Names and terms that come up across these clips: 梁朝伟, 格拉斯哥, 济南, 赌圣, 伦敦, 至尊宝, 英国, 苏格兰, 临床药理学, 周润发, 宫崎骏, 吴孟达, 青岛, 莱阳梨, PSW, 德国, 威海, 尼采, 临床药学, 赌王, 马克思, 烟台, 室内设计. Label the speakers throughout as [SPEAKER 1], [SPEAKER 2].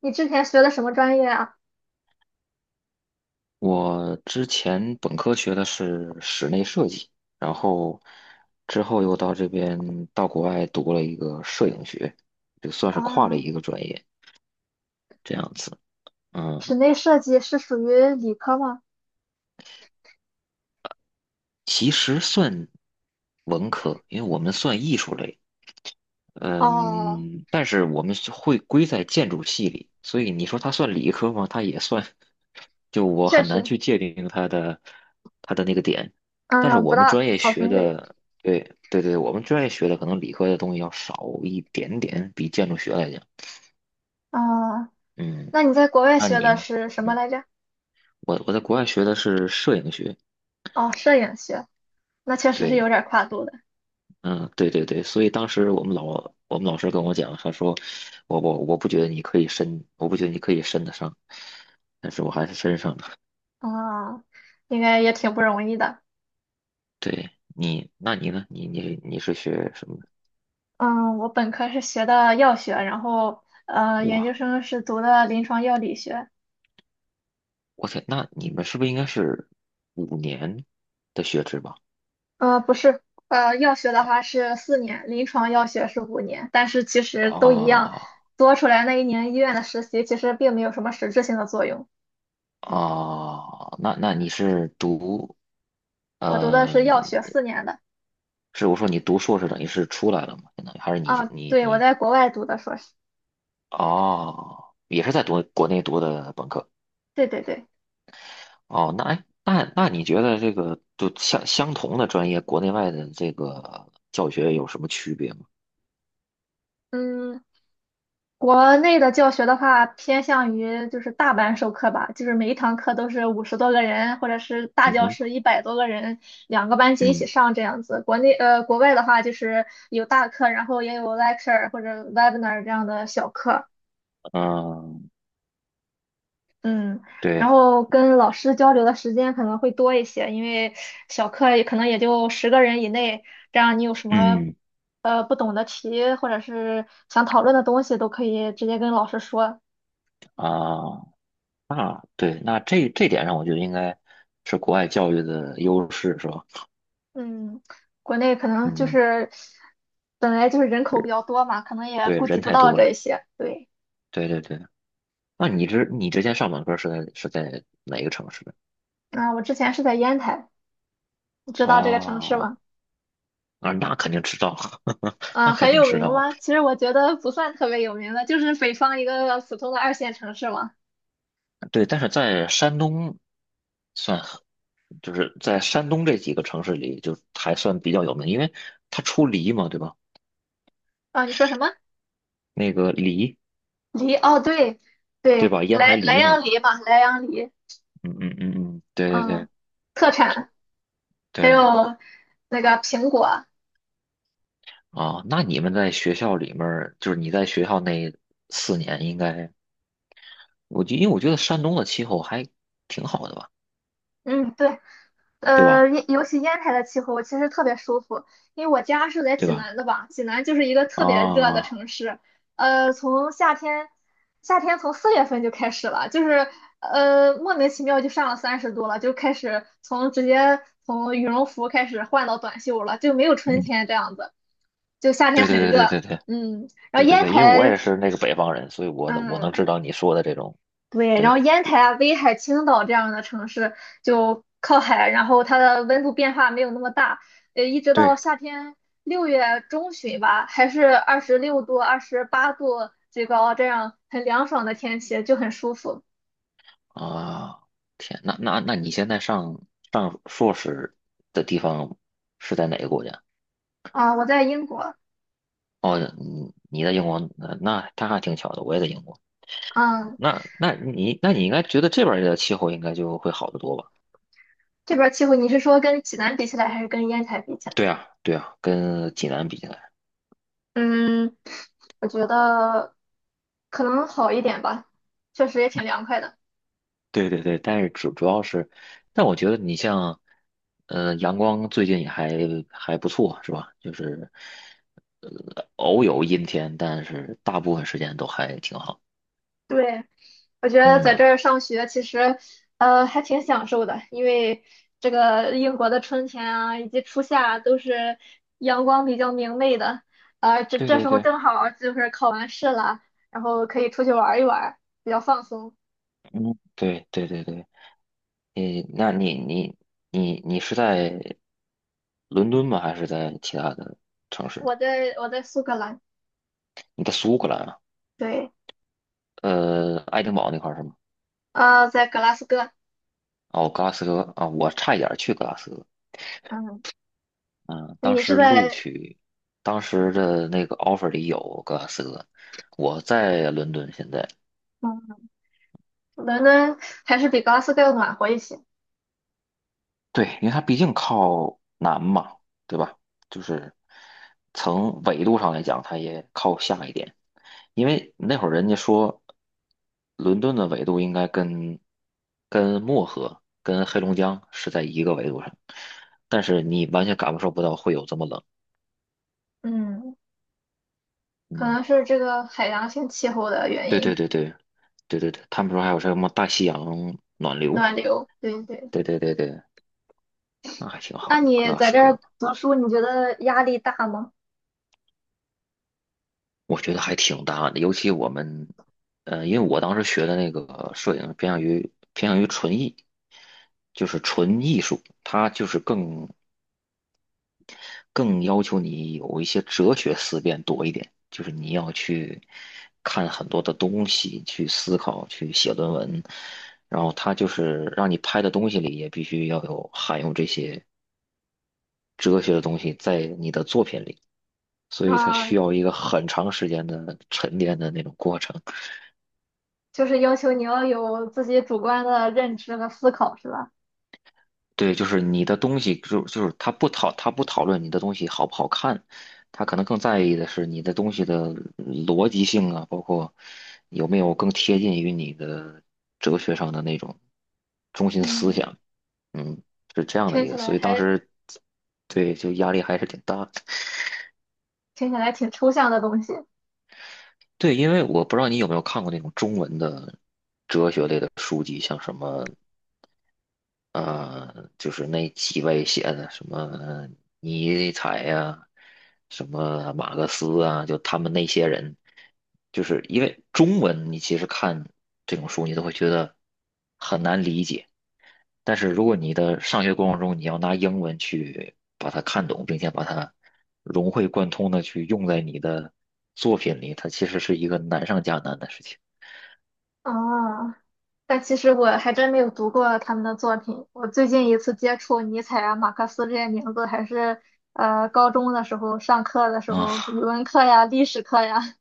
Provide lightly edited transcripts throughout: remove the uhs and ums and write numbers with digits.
[SPEAKER 1] 你之前学的什么专业啊？
[SPEAKER 2] 我之前本科学的是室内设计，然后之后又到这边到国外读了一个摄影学，就算是跨了
[SPEAKER 1] 啊，
[SPEAKER 2] 一个专业这样子。嗯，
[SPEAKER 1] 室内设计是属于理科吗？
[SPEAKER 2] 其实算文科，因为我们算艺术类，
[SPEAKER 1] 哦，
[SPEAKER 2] 嗯，但是我们是会归在建筑系里，所以你说它算理科吗？它也算，就我
[SPEAKER 1] 确
[SPEAKER 2] 很难
[SPEAKER 1] 实，
[SPEAKER 2] 去界定它的那个点。但是
[SPEAKER 1] 嗯，不
[SPEAKER 2] 我们
[SPEAKER 1] 大
[SPEAKER 2] 专业
[SPEAKER 1] 好
[SPEAKER 2] 学
[SPEAKER 1] 分类。
[SPEAKER 2] 的，对对对，我们专业学的可能理科的东西要少一点点，比建筑学来讲。
[SPEAKER 1] 啊，
[SPEAKER 2] 嗯，
[SPEAKER 1] 那你在国外
[SPEAKER 2] 那
[SPEAKER 1] 学的
[SPEAKER 2] 您，
[SPEAKER 1] 是什么
[SPEAKER 2] 嗯，
[SPEAKER 1] 来着？
[SPEAKER 2] 我在国外学的是摄影学，
[SPEAKER 1] 哦，摄影学，那确实是有
[SPEAKER 2] 对，
[SPEAKER 1] 点跨度的。
[SPEAKER 2] 嗯，对对对，所以当时我们老师跟我讲，他说我不觉得你可以伸，我不觉得你可以伸得上，但是我还是伸上了。
[SPEAKER 1] 啊，应该也挺不容易的。
[SPEAKER 2] 对你，那你呢？你是学什么的？
[SPEAKER 1] 嗯，我本科是学的药学，然后研究
[SPEAKER 2] 哇，
[SPEAKER 1] 生是读的临床药理学。
[SPEAKER 2] 我天，那你们是不是应该是五年的学制吧？
[SPEAKER 1] 不是，药学的话是四年，临床药学是5年，但是其实都一样，
[SPEAKER 2] 啊
[SPEAKER 1] 多出来那一年医院的实习其实并没有什么实质性的作用。
[SPEAKER 2] 啊，那那你是读
[SPEAKER 1] 我读的
[SPEAKER 2] 呃，
[SPEAKER 1] 是药学四年的，
[SPEAKER 2] 是我说你读硕士等于是出来了嘛？相当于还是你
[SPEAKER 1] 啊，
[SPEAKER 2] 你
[SPEAKER 1] 对，我
[SPEAKER 2] 你
[SPEAKER 1] 在国外读的硕士，
[SPEAKER 2] 哦，也是在读国内读的本科？
[SPEAKER 1] 对对对，
[SPEAKER 2] 哦，那哎，那那你觉得这个就相同的专业，国内外的这个教学有什么区别吗？
[SPEAKER 1] 嗯，国内的教学的话，偏向于就是大班授课吧，就是每一堂课都是50多个人，或者是大
[SPEAKER 2] 嗯
[SPEAKER 1] 教
[SPEAKER 2] 哼，
[SPEAKER 1] 室100多个人，两个班级一起
[SPEAKER 2] 嗯
[SPEAKER 1] 上这样子。国外的话就是有大课，然后也有 lecture 或者 webinar 这样的小课，
[SPEAKER 2] 嗯，
[SPEAKER 1] 嗯，然
[SPEAKER 2] 对，
[SPEAKER 1] 后跟老师交流的时间可能会多一些，因为小课也可能也就10个人以内，这样你有什么
[SPEAKER 2] 嗯
[SPEAKER 1] 不懂的题或者是想讨论的东西，都可以直接跟老师说。
[SPEAKER 2] 啊，那对，那这这点上，我觉得应该是国外教育的优势，是吧？
[SPEAKER 1] 嗯，国内可能就
[SPEAKER 2] 嗯，
[SPEAKER 1] 是本来就是人口比较多嘛，可能也
[SPEAKER 2] 对，
[SPEAKER 1] 顾及
[SPEAKER 2] 人
[SPEAKER 1] 不
[SPEAKER 2] 太
[SPEAKER 1] 到
[SPEAKER 2] 多
[SPEAKER 1] 这
[SPEAKER 2] 了，
[SPEAKER 1] 一些。对，
[SPEAKER 2] 对对对。那你之前上本科是在哪个城市
[SPEAKER 1] 啊，我之前是在烟台，你知
[SPEAKER 2] 啊
[SPEAKER 1] 道这个城市
[SPEAKER 2] 啊，
[SPEAKER 1] 吗？
[SPEAKER 2] 那那肯定知道，那
[SPEAKER 1] 啊，
[SPEAKER 2] 肯
[SPEAKER 1] 很
[SPEAKER 2] 定
[SPEAKER 1] 有
[SPEAKER 2] 知
[SPEAKER 1] 名
[SPEAKER 2] 道啊
[SPEAKER 1] 吗？其实我觉得不算特别有名的，就是北方一个普通的二线城市嘛。
[SPEAKER 2] 对，但是在山东算很，就是在山东这几个城市里，就还算比较有名，因为它出梨嘛，对吧？
[SPEAKER 1] 啊，你说什么？
[SPEAKER 2] 那个梨，
[SPEAKER 1] 梨？哦，对
[SPEAKER 2] 对
[SPEAKER 1] 对，
[SPEAKER 2] 吧？烟台
[SPEAKER 1] 莱
[SPEAKER 2] 梨嘛，
[SPEAKER 1] 阳梨嘛，莱阳梨，
[SPEAKER 2] 嗯嗯嗯嗯，对对
[SPEAKER 1] 嗯，
[SPEAKER 2] 对
[SPEAKER 1] 特产，还
[SPEAKER 2] 对，
[SPEAKER 1] 有那个苹果，
[SPEAKER 2] 啊，那你们在学校里面儿就是你在学校那四年，应该，我就因为我觉得山东的气候还挺好的吧，
[SPEAKER 1] 嗯，对。
[SPEAKER 2] 对吧？
[SPEAKER 1] 尤其烟台的气候其实特别舒服，因为我家是在
[SPEAKER 2] 对
[SPEAKER 1] 济
[SPEAKER 2] 吧？
[SPEAKER 1] 南的吧，济南就是一个特别热的
[SPEAKER 2] 啊，
[SPEAKER 1] 城市。呃，从夏天，夏天从4月份就开始了，就是莫名其妙就上了30度了，就开始从直接从羽绒服开始换到短袖了，就没有春
[SPEAKER 2] 嗯，
[SPEAKER 1] 天这样子，就夏天
[SPEAKER 2] 对
[SPEAKER 1] 很
[SPEAKER 2] 对对对
[SPEAKER 1] 热。
[SPEAKER 2] 对对
[SPEAKER 1] 嗯，然
[SPEAKER 2] 对
[SPEAKER 1] 后
[SPEAKER 2] 对
[SPEAKER 1] 烟
[SPEAKER 2] 对，因为我
[SPEAKER 1] 台，
[SPEAKER 2] 也是那个北方人，所以我能知
[SPEAKER 1] 嗯，
[SPEAKER 2] 道你说的这种，
[SPEAKER 1] 对，然后
[SPEAKER 2] 对
[SPEAKER 1] 烟台啊、威海、青岛这样的城市就靠海，然后它的温度变化没有那么大，一直到
[SPEAKER 2] 对。
[SPEAKER 1] 夏天6月中旬吧，还是26度、28度最高，这样很凉爽的天气就很舒服
[SPEAKER 2] 啊，天，那你现在上硕士的地方是在哪个国家？
[SPEAKER 1] 啊。我在英国，
[SPEAKER 2] 哦，你在英国，那那他还挺巧的，我也在英国。
[SPEAKER 1] 嗯，
[SPEAKER 2] 那那你应该觉得这边儿的气候应该就会好得多吧？
[SPEAKER 1] 这边儿气候你是说跟济南比起来，还是跟烟台比起来？
[SPEAKER 2] 对啊，对啊，跟济南比起来，
[SPEAKER 1] 嗯，我觉得可能好一点吧，确实也挺凉快的。
[SPEAKER 2] 对对对，但是主要是，但我觉得你像，阳光最近也还还不错，是吧？就是，偶有阴天，但是大部分时间都还挺好。
[SPEAKER 1] 对，我觉得在
[SPEAKER 2] 嗯，
[SPEAKER 1] 这儿上学其实，还挺享受的，因为这个英国的春天啊，以及初夏啊都是阳光比较明媚的，啊，这
[SPEAKER 2] 对
[SPEAKER 1] 这
[SPEAKER 2] 对
[SPEAKER 1] 时候
[SPEAKER 2] 对。
[SPEAKER 1] 正好儿就是考完试了，然后可以出去玩儿一玩儿比较放松。
[SPEAKER 2] 嗯，对对对对，你那你你你你是在伦敦吗？还是在其他的城市？
[SPEAKER 1] 我在苏格兰，
[SPEAKER 2] 你在苏格兰啊？
[SPEAKER 1] 对，
[SPEAKER 2] 爱丁堡那块儿是吗？
[SPEAKER 1] 在格拉斯哥，
[SPEAKER 2] 哦，格拉斯哥啊，我差一点儿去格拉斯哥。
[SPEAKER 1] 嗯，
[SPEAKER 2] 嗯，当
[SPEAKER 1] 你是
[SPEAKER 2] 时录
[SPEAKER 1] 在
[SPEAKER 2] 取，当时的那个 offer 里有格拉斯哥。我在伦敦现在，
[SPEAKER 1] 嗯伦敦，还是比格拉斯哥要暖和一些？
[SPEAKER 2] 对，因为它毕竟靠南嘛，对吧？就是从纬度上来讲，它也靠下一点。因为那会儿人家说，伦敦的纬度应该跟漠河、跟黑龙江是在一个纬度上，但是你完全感受不到会有这么冷。
[SPEAKER 1] 嗯，可
[SPEAKER 2] 嗯，
[SPEAKER 1] 能是这个海洋性气候的原
[SPEAKER 2] 对对
[SPEAKER 1] 因，
[SPEAKER 2] 对对对对对，他们说还有什么大西洋暖流，
[SPEAKER 1] 暖流，对对。
[SPEAKER 2] 对对对对，那还挺好
[SPEAKER 1] 那
[SPEAKER 2] 的，格
[SPEAKER 1] 你
[SPEAKER 2] 拉
[SPEAKER 1] 在
[SPEAKER 2] 斯
[SPEAKER 1] 这儿
[SPEAKER 2] 哥，
[SPEAKER 1] 读书，你觉得压力大吗？
[SPEAKER 2] 我觉得还挺大的，尤其我们，因为我当时学的那个摄影偏向于纯艺，就是纯艺术，它就是更。更要求你有一些哲学思辨多一点，就是你要去看很多的东西，去思考，去写论文，然后它就是让你拍的东西里也必须要有含有这些哲学的东西在你的作品里，所以它
[SPEAKER 1] 啊，
[SPEAKER 2] 需要一个很长时间的沉淀的那种过程。
[SPEAKER 1] 就是要求你要有自己主观的认知和思考，是吧？
[SPEAKER 2] 对，就是你的东西，就他不讨论你的东西好不好看，他可能更在意的是你的东西的逻辑性啊，包括有没有更贴近于你的哲学上的那种中心思
[SPEAKER 1] 嗯，
[SPEAKER 2] 想，嗯，是这样的
[SPEAKER 1] 听
[SPEAKER 2] 一
[SPEAKER 1] 起
[SPEAKER 2] 个，所
[SPEAKER 1] 来
[SPEAKER 2] 以当
[SPEAKER 1] 还
[SPEAKER 2] 时对就压力还是挺大的。
[SPEAKER 1] 听起来挺抽象的东西
[SPEAKER 2] 对，因为我不知道你有没有看过那种中文的书籍，像什么就是那几位写的什么尼采呀、什么马克思啊，就他们那些人，就是因为中文你其实看这种书，你都会觉得很难理解。但是如果你的上学过程中，你要拿英文去把它看懂，并且把它融会贯通的去用在你的作品里，它其实是一个难上加难的事情
[SPEAKER 1] 啊。但其实我还真没有读过他们的作品。我最近一次接触尼采啊、马克思这些名字，还是高中的时候上课的时
[SPEAKER 2] 啊。
[SPEAKER 1] 候，语 文课呀、历史课呀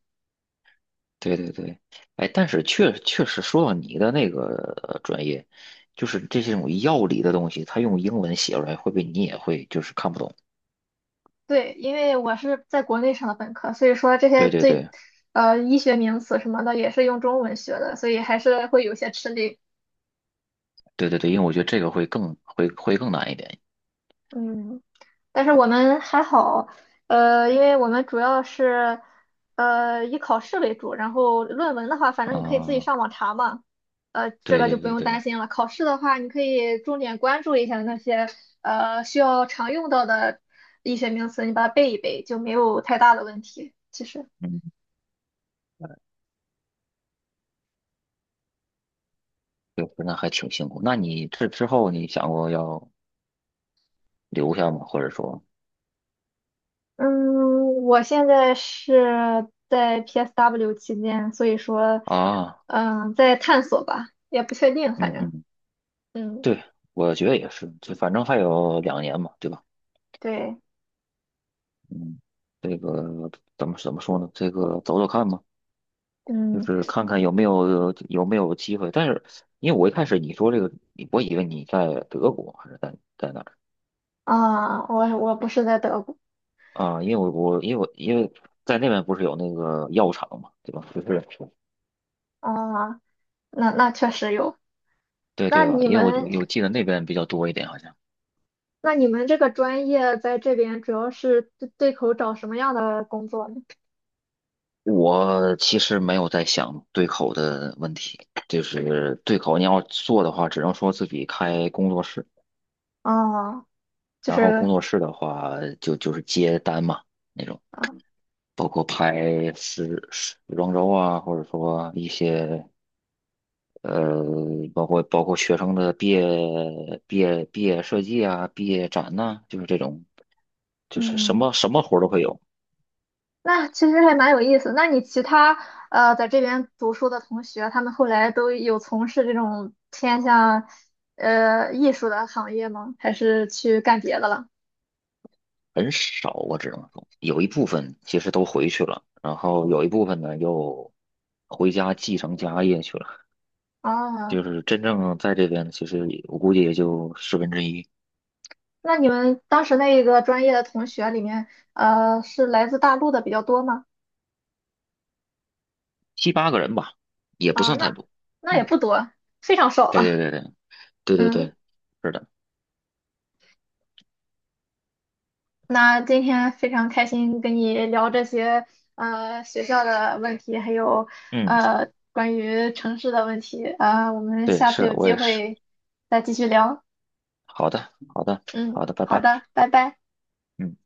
[SPEAKER 2] 对对对，哎，但是确确实说到你的那个专业，就是这些种药理的东西，它用英文写出来，会不会你也会就是看不懂？
[SPEAKER 1] 对，因为我是在国内上的本科，所以说这些
[SPEAKER 2] 对对
[SPEAKER 1] 最，
[SPEAKER 2] 对
[SPEAKER 1] 医学名词什么的也是用中文学的，所以还是会有些吃力。
[SPEAKER 2] 对对对，因为我觉得这个会更难一点
[SPEAKER 1] 嗯，但是我们还好，因为我们主要是，以考试为主，然后论文的话，反正你可以自己
[SPEAKER 2] 啊。
[SPEAKER 1] 上网查嘛，这
[SPEAKER 2] 对
[SPEAKER 1] 个就不
[SPEAKER 2] 对
[SPEAKER 1] 用
[SPEAKER 2] 对对，
[SPEAKER 1] 担心了。考试的话，你可以重点关注一下那些，需要常用到的医学名词，你把它背一背，就没有太大的问题，其实。
[SPEAKER 2] 嗯，对，那还挺辛苦。那你这之后你想过要留下吗？或者说
[SPEAKER 1] 嗯，我现在是在 PSW 期间，所以说，
[SPEAKER 2] 啊，
[SPEAKER 1] 嗯，在探索吧，也不确定，
[SPEAKER 2] 嗯
[SPEAKER 1] 反正，
[SPEAKER 2] 嗯，
[SPEAKER 1] 嗯，
[SPEAKER 2] 对，我觉得也是，就反正还有两年嘛，对吧？
[SPEAKER 1] 对，
[SPEAKER 2] 嗯，这个怎么说呢？这个走走看吧。就
[SPEAKER 1] 嗯，
[SPEAKER 2] 是看看有没有机会。但是因为我一开始你说这个，我以为你在德国还是在哪儿
[SPEAKER 1] 啊，我不是在德国，
[SPEAKER 2] 啊？因为我因为在那边不是有那个药厂嘛，对吧？就是
[SPEAKER 1] 啊，那确实有。
[SPEAKER 2] 对
[SPEAKER 1] 那
[SPEAKER 2] 对吧？
[SPEAKER 1] 你
[SPEAKER 2] 因为我就
[SPEAKER 1] 们，
[SPEAKER 2] 有记得那边比较多一点，好像。
[SPEAKER 1] 那你们这个专业在这边主要是对口找什么样的工作呢？
[SPEAKER 2] 我其实没有在想对口的问题，就是对口你要做的话，只能说自己开工作室。
[SPEAKER 1] 啊，就
[SPEAKER 2] 然后
[SPEAKER 1] 是，
[SPEAKER 2] 工作室的话，就是接单嘛那种，
[SPEAKER 1] 啊，
[SPEAKER 2] 包括拍时装周啊，或者说一些呃，包括学生的毕业设计啊、毕业展呐、就是这种，就是什
[SPEAKER 1] 嗯，
[SPEAKER 2] 么什么活儿都会有，
[SPEAKER 1] 那其实还蛮有意思。那你其他在这边读书的同学，他们后来都有从事这种偏向艺术的行业吗？还是去干别的了？
[SPEAKER 2] 很少我只能说有一部分其实都回去了，然后有一部分呢又回家继承家业去了，
[SPEAKER 1] 啊，
[SPEAKER 2] 就是真正在这边其实也我估计也就十分之一。
[SPEAKER 1] 那你们当时那一个专业的同学里面，是来自大陆的比较多吗？
[SPEAKER 2] 七八个人吧，也不
[SPEAKER 1] 啊，
[SPEAKER 2] 算太多。
[SPEAKER 1] 那也
[SPEAKER 2] 嗯，
[SPEAKER 1] 不多，非常少
[SPEAKER 2] 对
[SPEAKER 1] 了。
[SPEAKER 2] 对对对对对
[SPEAKER 1] 嗯。
[SPEAKER 2] 对，是的，
[SPEAKER 1] 那今天非常开心跟你聊这些学校的问题，还有
[SPEAKER 2] 嗯，
[SPEAKER 1] 关于城市的问题啊，我们
[SPEAKER 2] 对，
[SPEAKER 1] 下次
[SPEAKER 2] 是
[SPEAKER 1] 有
[SPEAKER 2] 我
[SPEAKER 1] 机
[SPEAKER 2] 也是。
[SPEAKER 1] 会再继续聊。
[SPEAKER 2] 好的，好的，
[SPEAKER 1] 嗯，
[SPEAKER 2] 好的，拜
[SPEAKER 1] 好
[SPEAKER 2] 拜。
[SPEAKER 1] 的，拜拜。
[SPEAKER 2] 嗯。